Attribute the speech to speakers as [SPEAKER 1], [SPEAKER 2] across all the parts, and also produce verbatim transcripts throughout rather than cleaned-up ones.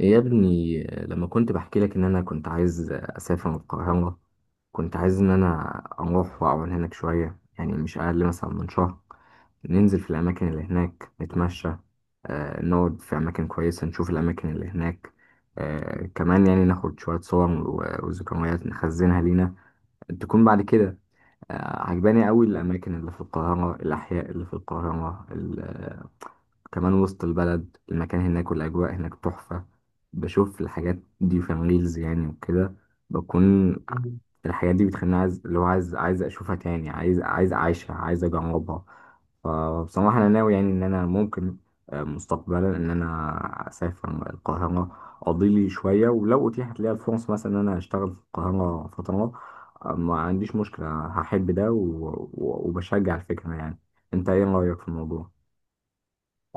[SPEAKER 1] يا ابني، لما كنت بحكي لك ان انا كنت عايز اسافر من القاهرة، كنت عايز ان انا اروح واقعد هناك شوية. يعني مش اقل مثلا من شهر. ننزل في الاماكن اللي هناك نتمشى. آه، نقعد في اماكن كويسة، نشوف الاماكن اللي هناك. آه، كمان يعني ناخد شوية صور و- وذكريات نخزنها لينا تكون بعد كده. آه، عجباني قوي الاماكن اللي في القاهرة، الاحياء اللي في القاهرة. كمان وسط البلد، المكان هناك والأجواء هناك تحفة. بشوف الحاجات دي في الريلز يعني وكده. بكون الحاجات دي بتخليني عايز، اللي هو عايز عايز أشوفها تاني، عايز عايز أعيشها، عايز أجربها. فبصراحة أنا ناوي يعني إن أنا ممكن آه، مستقبلا إن أنا أسافر القاهرة، أقضي لي شوية. ولو أتيحت لي الفرص مثلا إن أنا أشتغل في القاهرة فترة، آه، ما عنديش مشكلة. هحب ده و- و- وبشجع الفكرة يعني. أنت إيه رأيك في الموضوع؟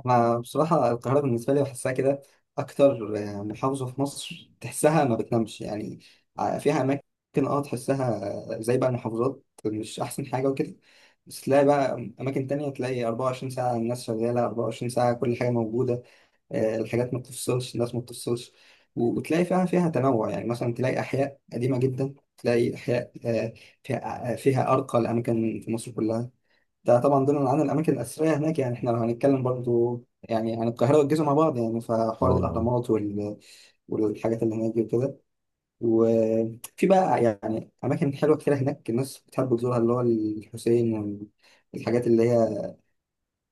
[SPEAKER 2] أنا بصراحة القاهرة بالنسبة لي بحسها كده أكتر محافظة في مصر، تحسها ما بتنامش يعني، فيها أماكن أه تحسها زي بقى المحافظات مش أحسن حاجة وكده، بس تلاقي بقى أماكن تانية، تلاقي أربعة وعشرين ساعة الناس شغالة أربعة وعشرين ساعة، كل حاجة موجودة. آه، الحاجات ما بتفصلش، الناس ما بتفصلش. و- وتلاقي فيها فيها تنوع، يعني مثلا تلاقي أحياء قديمة جدا، تلاقي أحياء آه، فيها آه، فيها أرقى الأماكن في مصر كلها. ده طبعا ضمن عن الاماكن الاثريه هناك، يعني احنا لو هنتكلم برضو يعني عن القاهره والجيزه مع بعض، يعني فحوار
[SPEAKER 1] اه.
[SPEAKER 2] الاهرامات وال... والحاجات اللي هناك دي وكده. وفي بقى يعني اماكن حلوه كتير هناك الناس بتحب تزورها، اللي هو الحسين والحاجات اللي هي،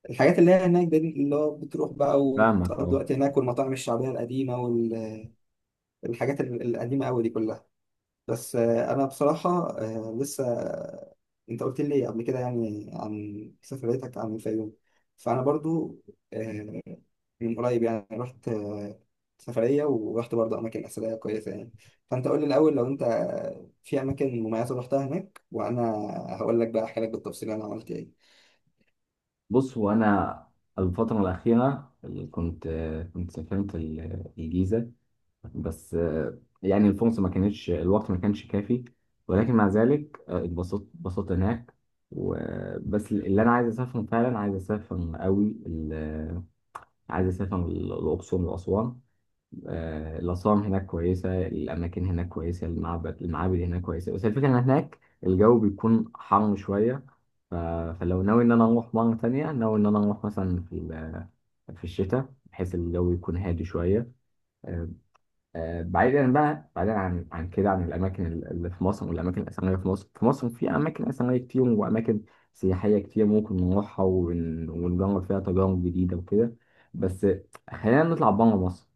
[SPEAKER 2] الحاجات اللي هي هناك دي، اللي هو بتروح بقى
[SPEAKER 1] فاهمك،
[SPEAKER 2] وتقضي
[SPEAKER 1] اه.
[SPEAKER 2] وقت هناك، والمطاعم الشعبيه القديمه والحاجات القديمه قوي دي كلها. بس آه، انا بصراحه آه، لسه، انت قلت لي قبل كده يعني عن سفريتك عن الفيوم، فانا برضو آه، من قريب يعني رحت آه، سفريه، ورحت برضو اماكن اثريه كويسه يعني. فانت قول لي الاول، لو انت آه، في اماكن مميزه رحتها هناك، وانا هقول لك بقى، احكي لك بالتفصيل انا عملت
[SPEAKER 1] بص، هو انا الفتره الاخيره اللي كنت كنت سافرت ال- الجيزه. بس آه، يعني الفرصه ما كانتش، الوقت ما كانش كافي. ولكن مع ذلك آه، اتبسطت اتبسطت هناك. وبس اللي انا عايز اسافر فعلا، عايز اسافر قوي ال- عايز اسافر ال- الاقصر واسوان. آه، الأسوان هناك كويسة، الأماكن هناك كويسة، المعبد المعابد هناك كويسة. بس الفكرة إن هناك الجو بيكون حر شوية. ف... فلو ناوي إن أنا أروح مرة تانية، ناوي إن أنا أروح مثلا في ال... في الشتاء، بحيث الجو يكون هادي شوية. آه، آه، بعيدا بقى، بعيدا عن عن كده، عن الأماكن اللي في مصر والأماكن الأثرية في مصر. في مصر في أماكن أثرية كتير وأماكن سياحية كتير، ممكن نروحها ون... ونجرب فيها تجارب جديدة وكده. بس خلينا نطلع بره مصر.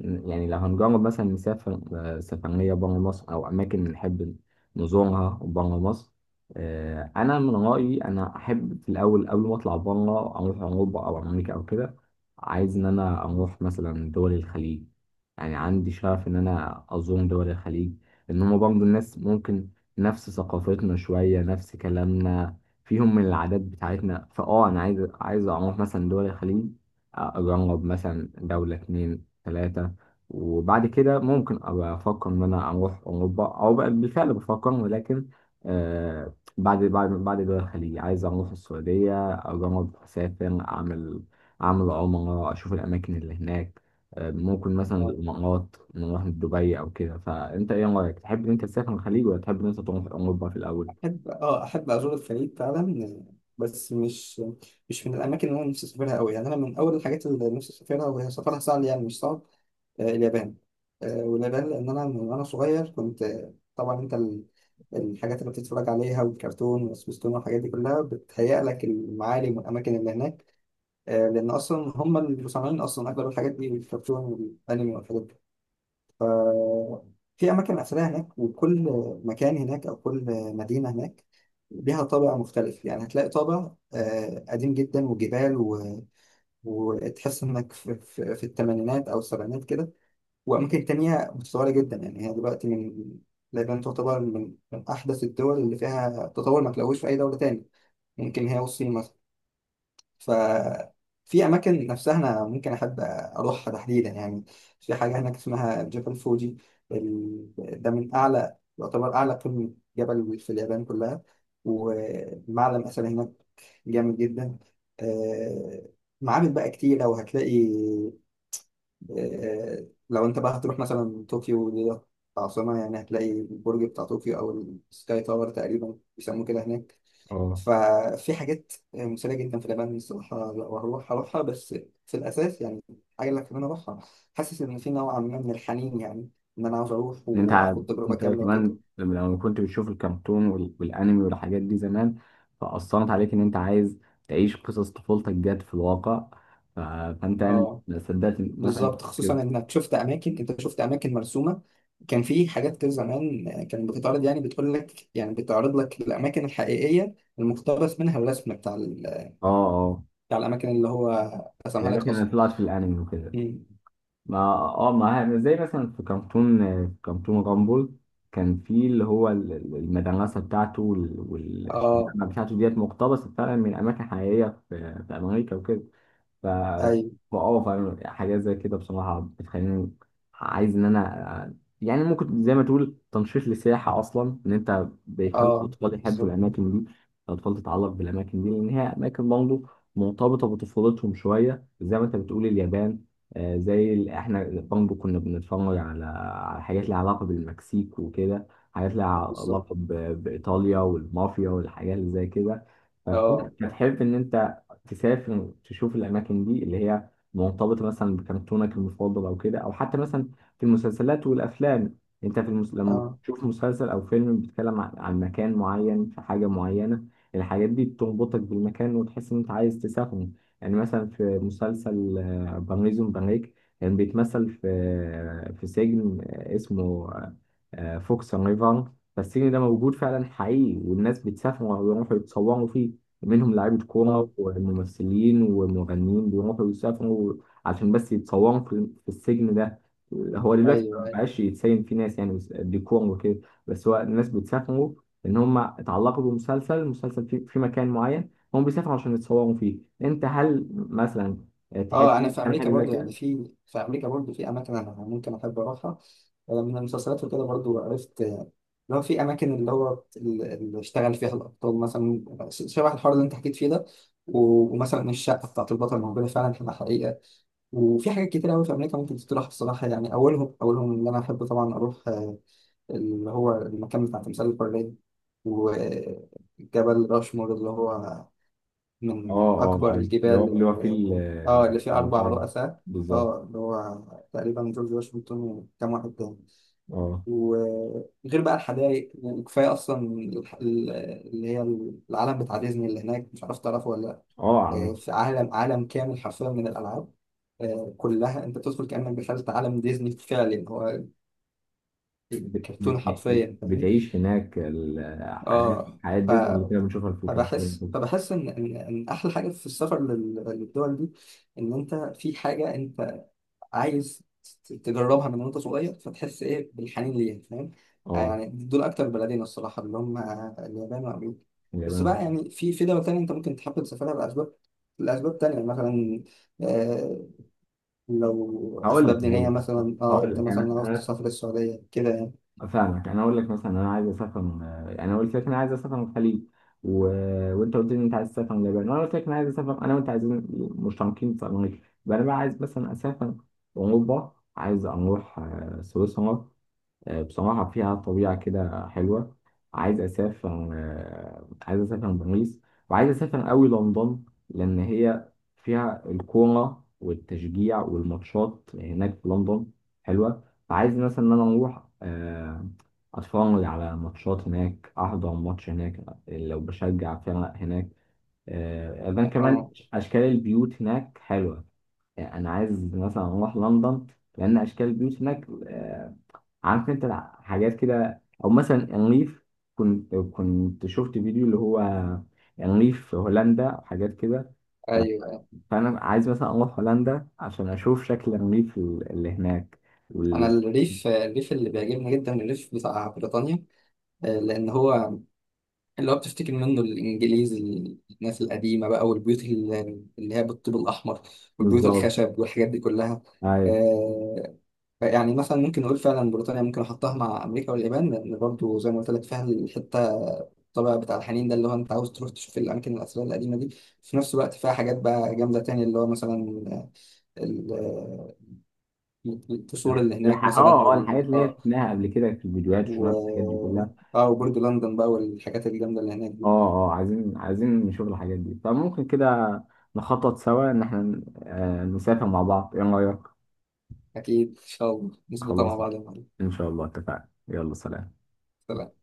[SPEAKER 1] يعني لو هنجرب مثلا نسافر آه، سفرية برا مصر أو أماكن نحب نزورها برا مصر. آه، أنا من رأيي أنا أحب في الأول قبل ما أطلع برا أروح أوروبا أو أمريكا أو كده. عايز إن أنا
[SPEAKER 2] ايه.
[SPEAKER 1] أروح مثلا دول الخليج. يعني عندي شغف إن أنا أزور دول الخليج. لأن هما برضه الناس ممكن نفس ثقافتنا شوية، نفس كلامنا، فيهم من العادات بتاعتنا. فأه أنا عايز عايز أروح مثلا دول الخليج. آه، أجرب مثلا دولة اتنين تلاتة. وبعد كده ممكن أبقى أفكر إن أنا أروح أوروبا، أو بقى بالفعل بفكر. ولكن آه بعد بعد بعد دول الخليج عايز أروح السعودية، أجرب أسافر، أعمل أعمل عمرة، أشوف الأماكن اللي هناك. آه ممكن مثلا الإمارات، نروح دبي أو كده. فأنت إيه رأيك؟ تحب إن أنت تسافر الخليج، ولا تحب إن أنت تروح أوروبا في الأول؟
[SPEAKER 2] أحب، أه أحب أزور الخليج فعلا، بس مش مش من الأماكن اللي أنا نفسي أسافرها أوي. يعني أنا من أول الحاجات اللي نفسي أسافرها وهي سفرها سهل، يعني مش صعب، آه، اليابان. آه، واليابان لأن أنا من وأنا صغير كنت آه، طبعا أنت ال- الحاجات اللي بتتفرج عليها والكرتون والسبيستون والحاجات دي كلها بتهيأ لك المعالم والأماكن اللي هناك. آه، لأن أصلا هم اللي مصممين أصلا أغلب الحاجات دي، والكرتون والأنمي والحاجات دي. في أماكن أثرية هناك، وكل مكان هناك أو كل مدينة هناك ليها طابع مختلف. يعني هتلاقي طابع آه، قديم جدا وجبال و... وتحس إنك في, في, في الثمانينات أو السبعينات كده، وأماكن تانية متطورة جدا. يعني هي دلوقتي من لبنان، تعتبر من, من أحدث الدول اللي فيها تطور، ما تلاقوش في أي دولة تاني، ممكن هي والصين مثلا. ففي أماكن نفسها أنا ممكن أحب أروحها تحديدا يعني. في حاجة هناك اسمها جبل فوجي، ال- ده من أعلى، يعتبر أعلى قمة جبل في اليابان كلها، ومعلم أثري هناك جامد جدا. آه، معابد بقى كتيرة وهتلاقي، آه، لو أنت بقى هتروح مثلا طوكيو دي العاصمة، يعني هتلاقي البرج بتاع طوكيو، أو السكاي تاور تقريبا بيسموه كده هناك.
[SPEAKER 1] اه.
[SPEAKER 2] ففي حاجات مثيرة جدا في اليابان الصراحة، لا، وهروح أروحها بس في الأساس يعني. حاجة اللي كمان أروحها، حاسس إن في نوع ما من الحنين، يعني إن أنا عاوز أروح
[SPEAKER 1] إن انت ع-
[SPEAKER 2] وآخد تجربة
[SPEAKER 1] انت
[SPEAKER 2] كاملة وكده.
[SPEAKER 1] كمان لما كنت بتشوف الكرتون وال- والانمي والحاجات دي زمان، فاثرت عليك ان انت عايز تعيش قصص طفولتك جت في الواقع. ف- فانت يعني
[SPEAKER 2] أه
[SPEAKER 1] ما صدقت إن- مثلا
[SPEAKER 2] بالظبط،
[SPEAKER 1] كده.
[SPEAKER 2] خصوصا إنك شفت أماكن، أنت شفت أماكن مرسومة. كان في حاجات كده زمان كانت بتتعرض، يعني بتقول لك، يعني بتعرض لك الأماكن الحقيقية المقتبس منها الرسم بتاع ال-
[SPEAKER 1] اه اه.
[SPEAKER 2] بتاع الأماكن اللي هو رسمها لك
[SPEAKER 1] الاماكن اللي
[SPEAKER 2] أصلا.
[SPEAKER 1] طلعت في الانمي وكده.
[SPEAKER 2] أمم.
[SPEAKER 1] ما اه ما زي مثلا في كرتون، في كرتون رامبل، كان في اللي هو ال- ال- المدرسه بتاعته وال- والشباب
[SPEAKER 2] أه،
[SPEAKER 1] بتاعته، ديت مقتبسه فعلا من اماكن حقيقيه في في امريكا وكده. ف
[SPEAKER 2] أيوه،
[SPEAKER 1] ف- اه فاهم. حاجات زي كده بصراحة بتخليني عايز إن أنا، يعني ممكن زي ما تقول تنشيط للسياحة أصلا. إن أنت بيخلي
[SPEAKER 2] أه
[SPEAKER 1] الأطفال يحبوا
[SPEAKER 2] بالظبط،
[SPEAKER 1] الأماكن دي، الأطفال تتعلق بالأماكن دي، لأن هي أماكن برضه مرتبطة بطفولتهم شوية. زي ما أنت بتقول اليابان، آه، زي ال- إحنا برضه كنا بنتفرج على على حاجات ليها علاقة بالمكسيك وكده، حاجات ليها
[SPEAKER 2] بالظبط،
[SPEAKER 1] علاقة ب- بإيطاليا والمافيا والحاجات اللي زي كده. فكنت
[SPEAKER 2] اه،
[SPEAKER 1] بتحب إن أنت تسافر تشوف الأماكن دي اللي هي مرتبطة مثلا بكرتونك المفضل أو كده. أو حتى مثلا في المسلسلات والأفلام، أنت في المس... لما
[SPEAKER 2] اه،
[SPEAKER 1] تشوف مسلسل أو فيلم بيتكلم عن عن مكان معين، في حاجة معينة، الحاجات دي بتربطك بالمكان وتحس إن أنت عايز تسافره. يعني مثلا في مسلسل آه، برنيزون بريك، كان بيتمثل في آه، في سجن آه، اسمه آه، آه، فوكس ريفر. فالسجن ده موجود فعلا حقيقي، والناس بتسافر ويروحوا يتصوروا فيه. منهم لعيبة كورة
[SPEAKER 2] اه،
[SPEAKER 1] وممثلين ومغنيين بيروحوا يسافروا عشان بس يتصوروا في في السجن ده. هو دلوقتي
[SPEAKER 2] ايوه،
[SPEAKER 1] ما
[SPEAKER 2] ايوه،
[SPEAKER 1] بقاش يتسين فيه ناس يعني، بس- ديكور وكده. بس هو الناس بتسافروا إن هم اتعلقوا بمسلسل، مسلسل في, في مكان معين، هم بيسافروا عشان يتصوروا فيه. أنت هل مثلا
[SPEAKER 2] اه انا
[SPEAKER 1] تحب
[SPEAKER 2] في
[SPEAKER 1] تعمل
[SPEAKER 2] امريكا
[SPEAKER 1] حاجة زي
[SPEAKER 2] برضو، يعني
[SPEAKER 1] كده؟
[SPEAKER 2] في في امريكا برضو في اماكن انا ممكن احب اروحها. آه، من المسلسلات وكده برضو عرفت، آه، اللي هو في اماكن اللي هو ال- اللي اشتغل فيها الابطال، مثلا شبه الحوار اللي انت حكيت فيه ده. و- ومثلا الشقه بتاعت البطل موجوده فعلا في الحقيقه، وفي حاجات كتير قوي في امريكا ممكن تتراح بصراحه يعني. اولهم اولهم اللي انا احب طبعا اروح آه، اللي هو المكان بتاع تمثال البرلين، وجبل راشمور، اللي هو
[SPEAKER 1] اه،
[SPEAKER 2] من
[SPEAKER 1] اه،
[SPEAKER 2] أكبر
[SPEAKER 1] أيوة. اللي هو اللي
[SPEAKER 2] الجبال
[SPEAKER 1] هو في ال-
[SPEAKER 2] ال- اه اللي فيه أربع
[SPEAKER 1] المنتدى.
[SPEAKER 2] رؤساء،
[SPEAKER 1] بالظبط.
[SPEAKER 2] اه اللي هو تقريبا جورج واشنطن وكام واحد تاني.
[SPEAKER 1] اه،
[SPEAKER 2] وغير بقى الحدائق يعني، كفاية أصلا الح- ال- اللي هي العالم بتاع ديزني اللي هناك، مش عارف تعرفه ولا لأ.
[SPEAKER 1] اه.
[SPEAKER 2] آه، في عالم، عالم كامل حرفيا من الألعاب، آه، كلها انت بتدخل كأنك دخلت عالم ديزني فعلا، هو
[SPEAKER 1] بت-
[SPEAKER 2] الكرتون
[SPEAKER 1] بت- بت-
[SPEAKER 2] حرفيا، فاهم.
[SPEAKER 1] بتعيش هناك الحياة،
[SPEAKER 2] اه
[SPEAKER 1] حياة ديزني اللي كنا بنشوفها في، كان
[SPEAKER 2] فبحس
[SPEAKER 1] في-
[SPEAKER 2] فبحس ان ان إن احلى حاجه في السفر لل- للدول دي، ان انت في حاجه انت عايز ت- تجربها من وانت صغير، فتحس ايه بالحنين ليها، فاهم. آه،
[SPEAKER 1] اه.
[SPEAKER 2] يعني دول اكتر بلدين الصراحه اللي هم اليابان وامريكا. بس بقى
[SPEAKER 1] اليابان.
[SPEAKER 2] يعني في في دول تانية انت ممكن تحب تسافرها لاسباب، لاسباب تانية مثلا، آه لو
[SPEAKER 1] هقول لك
[SPEAKER 2] اسباب دينيه
[SPEAKER 1] هقول لك
[SPEAKER 2] مثلا، اه
[SPEAKER 1] هقول
[SPEAKER 2] انت
[SPEAKER 1] لك
[SPEAKER 2] مثلا عاوز
[SPEAKER 1] انا
[SPEAKER 2] تسافر السعوديه كده يعني.
[SPEAKER 1] انا فاهمك. انا اقول لك مثلا انا عايز اسافر، انا قلت لك انا عايز اسافر من الخليج. و... وانت قلت لي إن انت عايز تسافر من اليابان. وانا قلت لك انا عايز اسافر انا وانت، عايزين مشتركين في امريكا. يبقى انا بقى عايز مثلا اسافر اوروبا، عايز اروح آه، سويسرا. آه، بصراحة فيها طبيعة كده حلوة. عايز أسافر آه، عايز أسافر باريس، وعايز أسافر أوي لندن، لأن هي فيها الكورة والتشجيع والماتشات هناك في لندن حلوة. فعايز مثلا إن أنا أروح آه، أتفرج على ماتشات هناك، أحضر ماتش هناك، لو بشجع فرق هناك. آه، إذن كمان
[SPEAKER 2] اه،
[SPEAKER 1] أشكال البيوت هناك حلوة. يعني أنا عايز مثلا أروح لندن، لأن أشكال البيوت هناك آه، عارف انت الع- حاجات كده، او مثلا انريف، كنت كنت شفت فيديو اللي هو انريف في هولندا وحاجات كده. ف-
[SPEAKER 2] ايوه،
[SPEAKER 1] فانا عايز مثلا اروح هولندا عشان اشوف شكل الريف ال- اللي هناك
[SPEAKER 2] انا
[SPEAKER 1] وال-
[SPEAKER 2] الريف، الريف اللي بيعجبني جدا الريف بتاع بريطانيا، آه، لان هو اللي هو بتفتكر منه الانجليز، الناس القديمه بقى والبيوت ال- اللي هي بالطوب الاحمر، والبيوت
[SPEAKER 1] بالظبط،
[SPEAKER 2] الخشب والحاجات دي كلها.
[SPEAKER 1] أيوة.
[SPEAKER 2] آه، يعني مثلا ممكن نقول فعلا بريطانيا ممكن احطها مع امريكا واليابان، لان برضو زي ما قلت لك فيها الحته، الطابع بتاع الحنين ده، اللي هو انت عاوز تروح تشوف الاماكن الاثريه القديمه دي. في نفس الوقت فيها حاجات بقى جامده تانية، اللي هو مثلا ال- القصور
[SPEAKER 1] الح-
[SPEAKER 2] اللي هناك
[SPEAKER 1] الح-
[SPEAKER 2] مثلا،
[SPEAKER 1] اه اه الحاجات
[SPEAKER 2] وال
[SPEAKER 1] اللي هي
[SPEAKER 2] اه
[SPEAKER 1] شفناها قبل كده في الفيديوهات، شفناها في الحاجات دي
[SPEAKER 2] و
[SPEAKER 1] كلها.
[SPEAKER 2] اه وبرج لندن بقى والحاجات الجامده اللي هناك دي.
[SPEAKER 1] اه اه عايزين عايزين نشوف الحاجات دي. فممكن كده نخطط سوا ان احنا آه، نسافر مع بعض. ايه رايك؟
[SPEAKER 2] اكيد ان شاء الله نظبطها مع
[SPEAKER 1] خلاص.
[SPEAKER 2] بعض يا معلم.
[SPEAKER 1] ان شاء الله اتفقنا. يلا، سلام.
[SPEAKER 2] سلام.